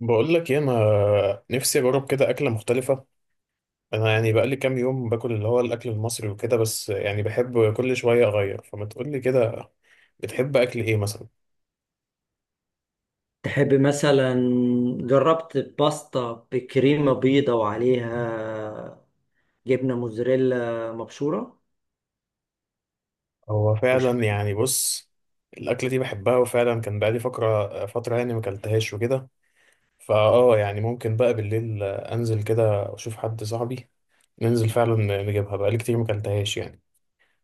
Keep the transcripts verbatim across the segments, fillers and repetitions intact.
بقول لك ايه، انا نفسي اجرب كده اكله مختلفه. انا يعني بقالي كام يوم باكل اللي هو الاكل المصري وكده، بس يعني بحب كل شويه اغير، فما تقول لي كده؟ بتحب اكل ايه مثلا؟ تحب مثلا، جربت باستا بكريمة بيضة وعليها جبنة موزاريلا مبشورة. هو وش فعلا يعني بص، الاكله دي بحبها وفعلا كان بقالي فتره فتره يعني ما اكلتهاش وكده. فاه يعني ممكن بقى بالليل انزل كده اشوف حد صاحبي، ننزل فعلا نجيبها. بقالي كتير ما اكلتهاش يعني.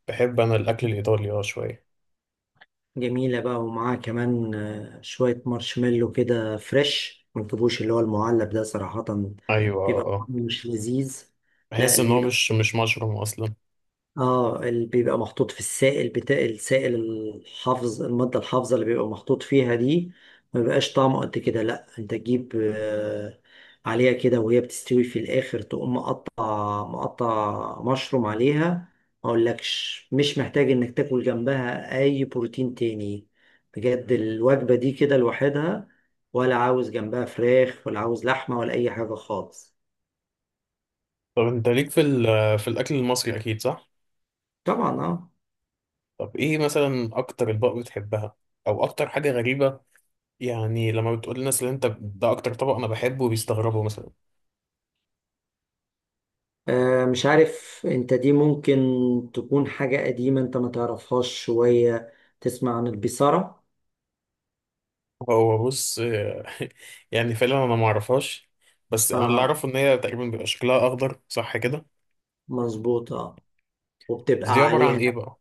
بحب انا الاكل الايطالي اه شويه. جميلة بقى، ومعاها كمان آه، شوية مارشميلو كده فريش، ما تجيبوش اللي هو المعلب ده صراحة. ايوه بيبقى اه آه. طعمه مش لذيذ. لا بحس ان هو ليه، مش مش مشروم اصلا. اه اللي بيبقى محطوط في السائل بتاع السائل الحافظ، المادة الحافظة اللي بيبقى محطوط فيها دي، ما بيبقاش طعمه قد كده. لا انت تجيب آه، عليها كده، وهي بتستوي في الاخر تقوم مقطع مقطع مشروم عليها. ما اقولكش، مش محتاج انك تاكل جنبها اي بروتين تاني. بجد الوجبة دي كده لوحدها، ولا عاوز جنبها فراخ ولا عاوز لحمة ولا اي حاجة خالص. طب انت ليك في ال- في الاكل المصري اكيد صح؟ طبعا اه. طب ايه مثلا اكتر اطباق بتحبها، او اكتر حاجه غريبه؟ يعني لما بتقول للناس اللي انت ده اكتر طبق انا بحبه بيستغربوا مثلا؟ آه، مش عارف انت، دي ممكن تكون حاجة قديمة انت ما تعرفهاش شوية. تسمع عن البيسارة؟ هو بص يعني فعلا انا ما اعرفهاش، بس انا اللي اه، اعرفه ان هي تقريبا بيبقى شكلها اخضر، صح كده؟ مظبوط اه، بس دي وبتبقى عباره عن عليها. ايه بقى؟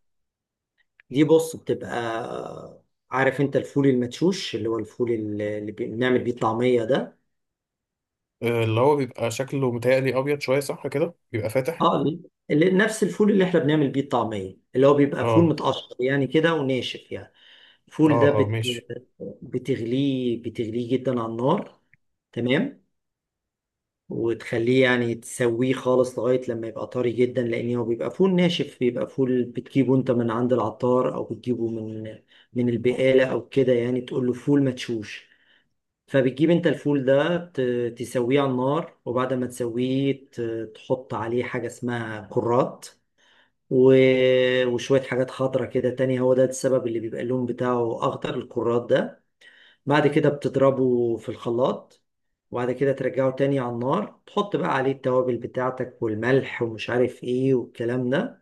دي بص بتبقى آه، عارف انت الفول المدشوش، اللي هو الفول اللي اللي بنعمل بيه الطعمية ده. آه، اللي هو بيبقى شكله متهيألي ابيض شويه، صح كده؟ بيبقى فاتح. اه اللي اللي- نفس الفول اللي احنا بنعمل بيه الطعمية، اللي هو بيبقى فول اه متقشر يعني كده وناشف يعني. اه الفول ده اه بت... ماشي. بتغليه، بتغليه جدا على النار. تمام. وتخليه، يعني تسويه خالص لغاية لما يبقى طري جدا، لأن هو بيبقى فول ناشف، بيبقى فول بتجيبه أنت من عند العطار، أو بتجيبه من من البقالة أو كده، يعني تقول له فول مدشوش. فبتجيب أنت الفول ده، ت- تسويه على النار، وبعد ما تسويه ت- تحط عليه حاجة اسمها كرات، و- وشوية حاجات خضرة كده تانية، هو ده السبب اللي بيبقى اللون بتاعه أخضر، الكرات ده. بعد كده بتضربه في الخلاط، وبعد كده ترجعه تاني على النار، تحط بقى عليه التوابل بتاعتك والملح ومش عارف ايه والكلام ده.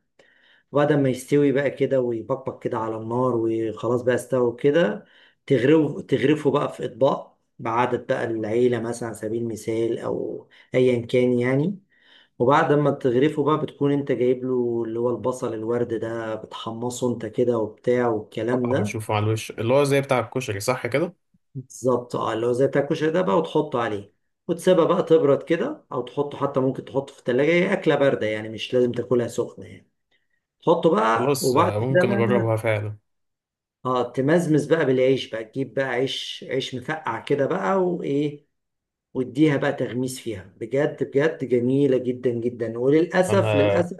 وبعد ما يستوي بقى كده ويبقبق كده على النار، وخلاص بقى استوى كده، تغرفه، تغرفه بقى في اطباق، بعدد بقى العيلة مثلا على سبيل المثال، او ايا كان يعني. وبعد ما تغرفه بقى، بتكون انت جايب له اللي هو البصل الورد ده، بتحمصه انت كده وبتاع والكلام اه ده. بشوفه على الوش اللي هو زي بتاع الكشري، صح كده؟ بالظبط اه، اللي هو زي تاكوشا ده بقى، وتحطه عليه. وتسيبها بقى تبرد كده، او تحطه حتى، ممكن تحطه في التلاجة، هي اكلة باردة يعني، مش لازم تاكلها سخنة يعني. تحطه بقى، خلاص وبعد آه، كده ممكن بقى اجربها فعلا. اه، تمزمز بقى بالعيش بقى، تجيب بقى عيش، عيش مفقع كده بقى وايه، واديها بقى تغميس فيها، بجد بجد جميلة جدا جدا. وللأسف، انا للأسف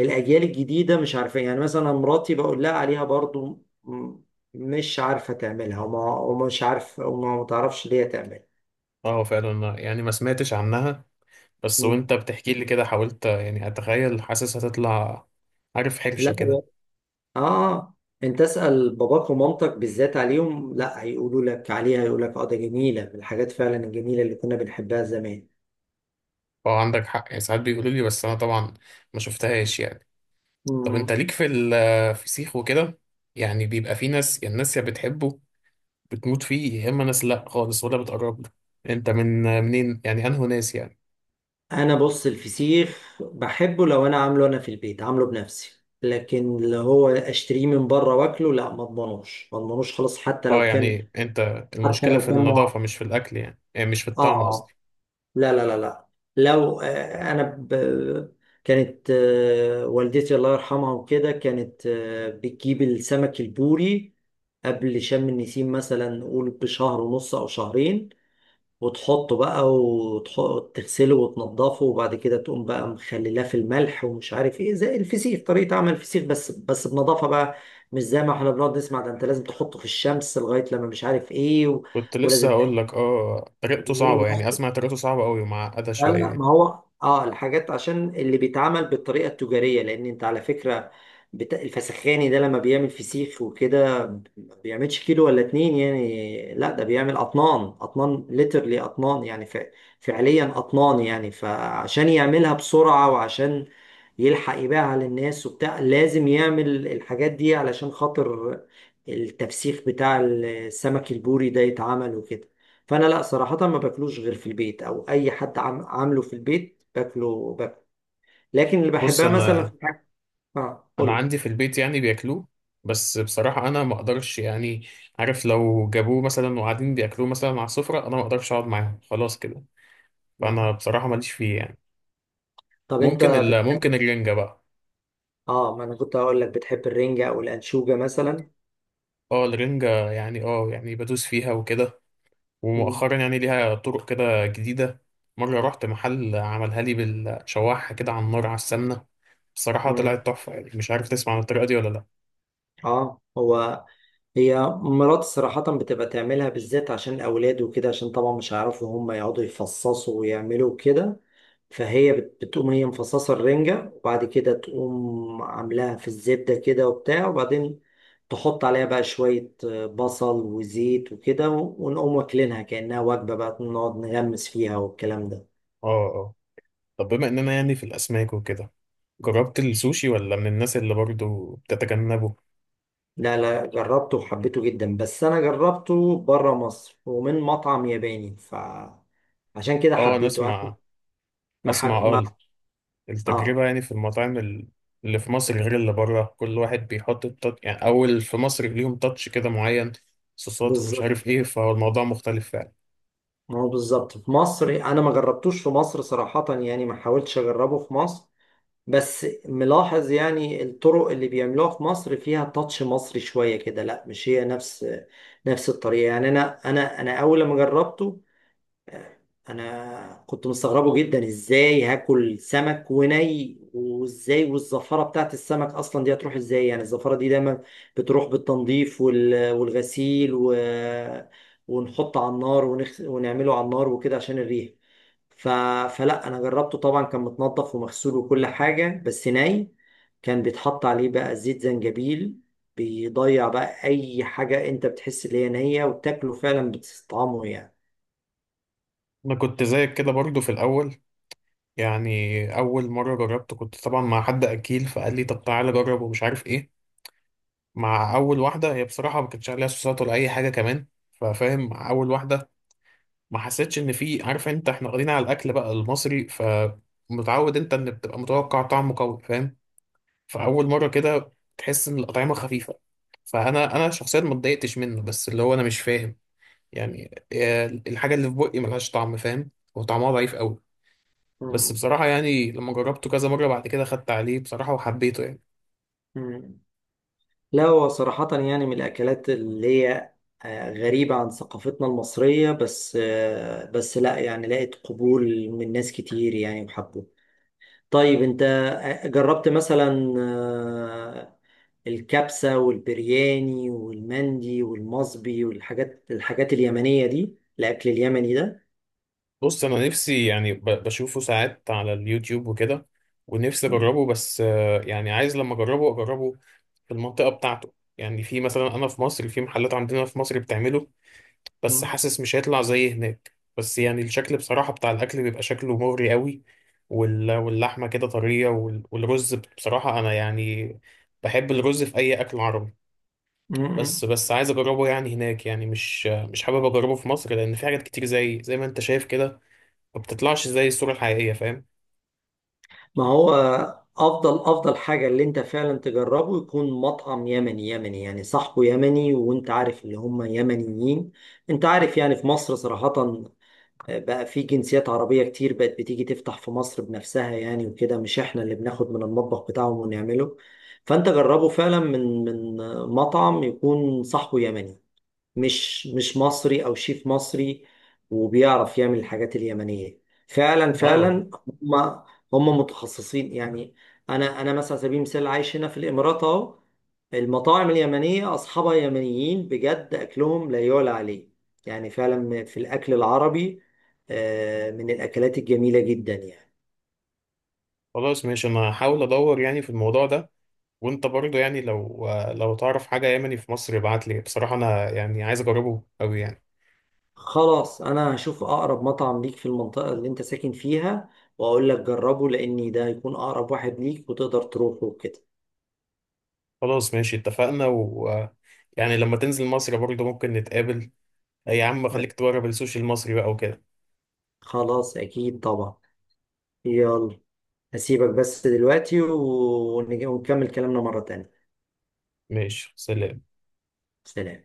الأجيال الجديدة مش عارفة، يعني مثلا مراتي بقول لها عليها برضو، م- مش عارفة تعملها، وما، ومش عارف، وما ما تعرفش ليه تعملها. اه فعلا أنا يعني ما سمعتش عنها، بس وانت بتحكي لي كده حاولت يعني اتخيل، حاسس هتطلع، عارف، حرشة لا كده. هو اه، انت اسال باباك ومامتك بالذات، عليهم لا، هيقولوا لك عليها، هيقول لك اه، ده جميله، من الحاجات فعلا الجميله اللي كنا بنحبها زمان. فهو عندك حق، يعني ساعات بيقولوا لي، بس انا طبعا ما شفتهاش يعني. طب انت مم. ليك في الفسيخ وكده؟ يعني بيبقى في ناس يعني الناس يا بتحبه بتموت فيه، يا اما ناس لا خالص ولا بتقرب له. انت من منين يعني انه ناس يعني؟ انا بص، الفسيخ بحبه لو انا عامله انا في البيت، عامله بنفسي، لكن اللي هو اشتريه من بره واكله لا، ما اضمنوش ما اضمنوش خلاص. حتى اه لو كان يعني انت حتى المشكلة في لو كان مع... النظافة مش في الاكل يعني، يعني مش في اه الطعم آه. قصدي. لا لا لا لا. لو آه، انا ب... كانت آه، والدتي الله يرحمها وكده، كانت آه، بتجيب السمك البوري قبل شم النسيم مثلا، نقول بشهر ونص او شهرين، وتحطه بقى وتغسله وتنضفه، وبعد كده تقوم بقى مخللاه في الملح ومش عارف ايه، زي الفسيخ، طريقة عمل الفسيخ، بس بس بنضافة بقى، مش زي ما احنا بنقعد نسمع، ده انت لازم تحطه في الشمس لغاية لما مش عارف ايه و... كنت لسه ولازم. هقول لك اه طريقته صعبة، يعني اسمع طريقته صعبة قوي ومعقدة لا لا، ما شوية. هو اه، الحاجات عشان اللي بيتعمل بالطريقه التجاريه، لان انت على فكره بت... الفسخاني ده لما بيعمل فسيخ وكده، ما بيعملش كيلو ولا اتنين يعني، لا ده بيعمل اطنان اطنان ليترلي اطنان يعني ف... فعليا اطنان يعني، فعشان يعملها بسرعه، وعشان يلحق يبيعها للناس وبتاع، لازم يعمل الحاجات دي علشان خاطر التفسيخ بتاع السمك البوري ده يتعمل وكده. فانا لا صراحه ما باكلوش غير في البيت، او اي حد عم عامله في البيت باكله باكله. لكن اللي بص بحبها مثلا انا في الحاجة، اه انا قول لي. عندي في البيت يعني بياكلوه، بس بصراحه انا ما اقدرش يعني. عارف لو جابوه مثلا وقاعدين بياكلوه مثلا على السفره انا ما اقدرش اقعد معاهم، خلاص كده. فانا بصراحه ماليش فيه يعني. طب انت ممكن ال بتحب، ممكن الرنجه بقى. اه ما انا كنت هقول لك، بتحب الرنجة او الانشوجة مثلا؟ اه الرنجه يعني، اه يعني بدوس فيها وكده، مم. ومؤخرا يعني ليها طرق كده جديده. مره رحت محل عملها لي بالشواحه كده على النار على السمنه، بصراحه مم. طلعت تحفه. يعني مش عارف تسمع عن الطريقه دي ولا لا؟ اه هو، هي مرات صراحة بتبقى تعملها بالذات عشان الأولاد وكده، عشان طبعا مش هيعرفوا هم يقعدوا يفصصوا ويعملوا كده. فهي بت- بتقوم هي مفصصة الرنجة، وبعد كده تقوم عاملاها في الزبدة كده وبتاع، وبعدين تحط عليها بقى شوية آه، بصل وزيت وكده، ونقوم واكلينها كأنها وجبة بقى، نقعد نغمس فيها والكلام ده. اه آه. طب بما اننا يعني في الاسماك وكده، جربت السوشي ولا من الناس اللي برضو بتتجنبه؟ لا لا، جربته وحبيته جدا، بس أنا جربته بره مصر ومن مطعم ياباني، ف عشان كده اه انا حبيته أنا. اسمع، ما, اسمع حب... اه. اه، التجربة يعني في المطاعم ال- اللي في مصر غير اللي بره، كل واحد بيحط التاتش يعني، اول في مصر ليهم تاتش كده معين، صوصات ومش بالظبط. عارف ايه، فهو الموضوع مختلف فعلا. ما هو بالظبط في مصر انا ما جربتوش، في مصر صراحة يعني ما حاولتش اجربه في مصر، بس ملاحظ يعني الطرق اللي بيعملوها في مصر فيها تاتش مصري شوية كده، لا مش هي نفس نفس الطريقة يعني. انا انا انا اول ما جربته انا كنت مستغربه جدا، ازاي هاكل سمك وني، وازاي والزفاره بتاعت السمك اصلا دي هتروح ازاي يعني، الزفاره دي دايما بتروح بالتنظيف وال- والغسيل و... ونحط على النار ونخ... ونعمله على النار وكده عشان الريح ف... فلا انا جربته طبعا، كان متنضف ومغسول وكل حاجه، بس ني، كان بيتحط عليه بقى زيت زنجبيل، بيضيع بقى اي حاجه انت بتحس ان هي نيه، وتاكله فعلا بتستطعمه انا كنت زيك كده برضو في الاول. يعني اول مرة جربت كنت طبعا مع حد اكيل فقال لي طب تعالى جرب ومش عارف ايه. مع اول واحدة هي بصراحة ما كانتش عليها صوصات ولا اي حاجة كمان، ففاهم مع اول واحدة ما حسيتش ان في، عارف انت احنا واخدين على الاكل بقى المصري، فمتعود انت ان بتبقى متوقع طعمه قوي، فاهم؟ فاول مره كده تحس ان الاطعمه خفيفه. فانا انا شخصيا ما اتضايقتش منه، بس اللي هو انا مش فاهم يعني آه، الحاجه اللي في بقي ملهاش طعم، فاهم؟ وطعمها ضعيف قوي. بس يعني. بصراحه يعني لما جربته كذا مره بعد كده خدت عليه بصراحه وحبيته يعني. مم. لا هو صراحة يعني، من الأكلات اللي هي آه، غريبة عن ثقافتنا المصرية، بس آه، بس لا يعني، لقيت قبول من ناس كتير يعني وحبوه. طيب أنت آه، جربت مثلا آه، الكبسة والبرياني والمندي والمصبي والحاجات، الحاجات اليمنية دي، الأكل اليمني ده؟ بص انا نفسي يعني ب- بشوفه ساعات على اليوتيوب وكده، ونفسي نعم. اجربه، بس آه، يعني عايز لما اجربه اجربه في المنطقه بتاعته. يعني في مثلا انا في مصر في محلات عندنا في مصر بتعمله، بس مم. حاسس مش هيطلع زي هناك. بس يعني الشكل بصراحه بتاع الاكل بيبقى شكله مغري قوي، وال- واللحمه كده طريه، وال- والرز بصراحه انا يعني بحب الرز في اي اكل عربي. مم. بس بس عايز اجربه يعني هناك، يعني مش مش حابب اجربه في مصر، لان في حاجات كتير زي زي ما انت شايف كده ما بتطلعش زي الصورة الحقيقية، فاهم؟ ما هو افضل افضل حاجه اللي انت فعلا تجربه يكون مطعم يمني، يمني يعني صاحبه يمني، وانت عارف اللي هم يمنيين. انت عارف، يعني في مصر صراحه آه، بقى في جنسيات عربيه كتير بقت بتيجي تفتح في مصر بنفسها يعني وكده، مش احنا اللي بناخد من المطبخ بتاعهم ونعمله. فانت جربه فعلا، من من مطعم يكون صاحبه يمني، مش مش مصري او شيف مصري، وبيعرف يعمل الحاجات اليمنيه فعلا، اه فعلا هم هم متخصصين يعني. انا، انا مثلا على سبيل المثال عايش هنا في الامارات اهو، المطاعم اليمنيه اصحابها يمنيين بجد، اكلهم لا يعلى عليه. يعني فعلا في الاكل العربي آه، من الاكلات الجميله جدا يعني. خلاص ماشي، انا هحاول ادور يعني في الموضوع ده. وانت برضه يعني لو لو تعرف حاجة يمني في مصر ابعت لي، بصراحة انا يعني عايز اجربه قوي يعني. خلاص، انا هشوف اقرب مطعم ليك في المنطقه اللي انت ساكن فيها، واقول لك جربه، لاني ده هيكون اقرب واحد ليك وتقدر تروحه وكده. خلاص ماشي اتفقنا. و يعني لما تنزل مصر برضه ممكن نتقابل. يا عم خليك تجرب السوشي المصري بقى وكده. خلاص، أكيد طبعا. يلا، هسيبك بس دلوقتي، ونج- ونكمل كلامنا مرة تانية. ماشي، سلام. سلام.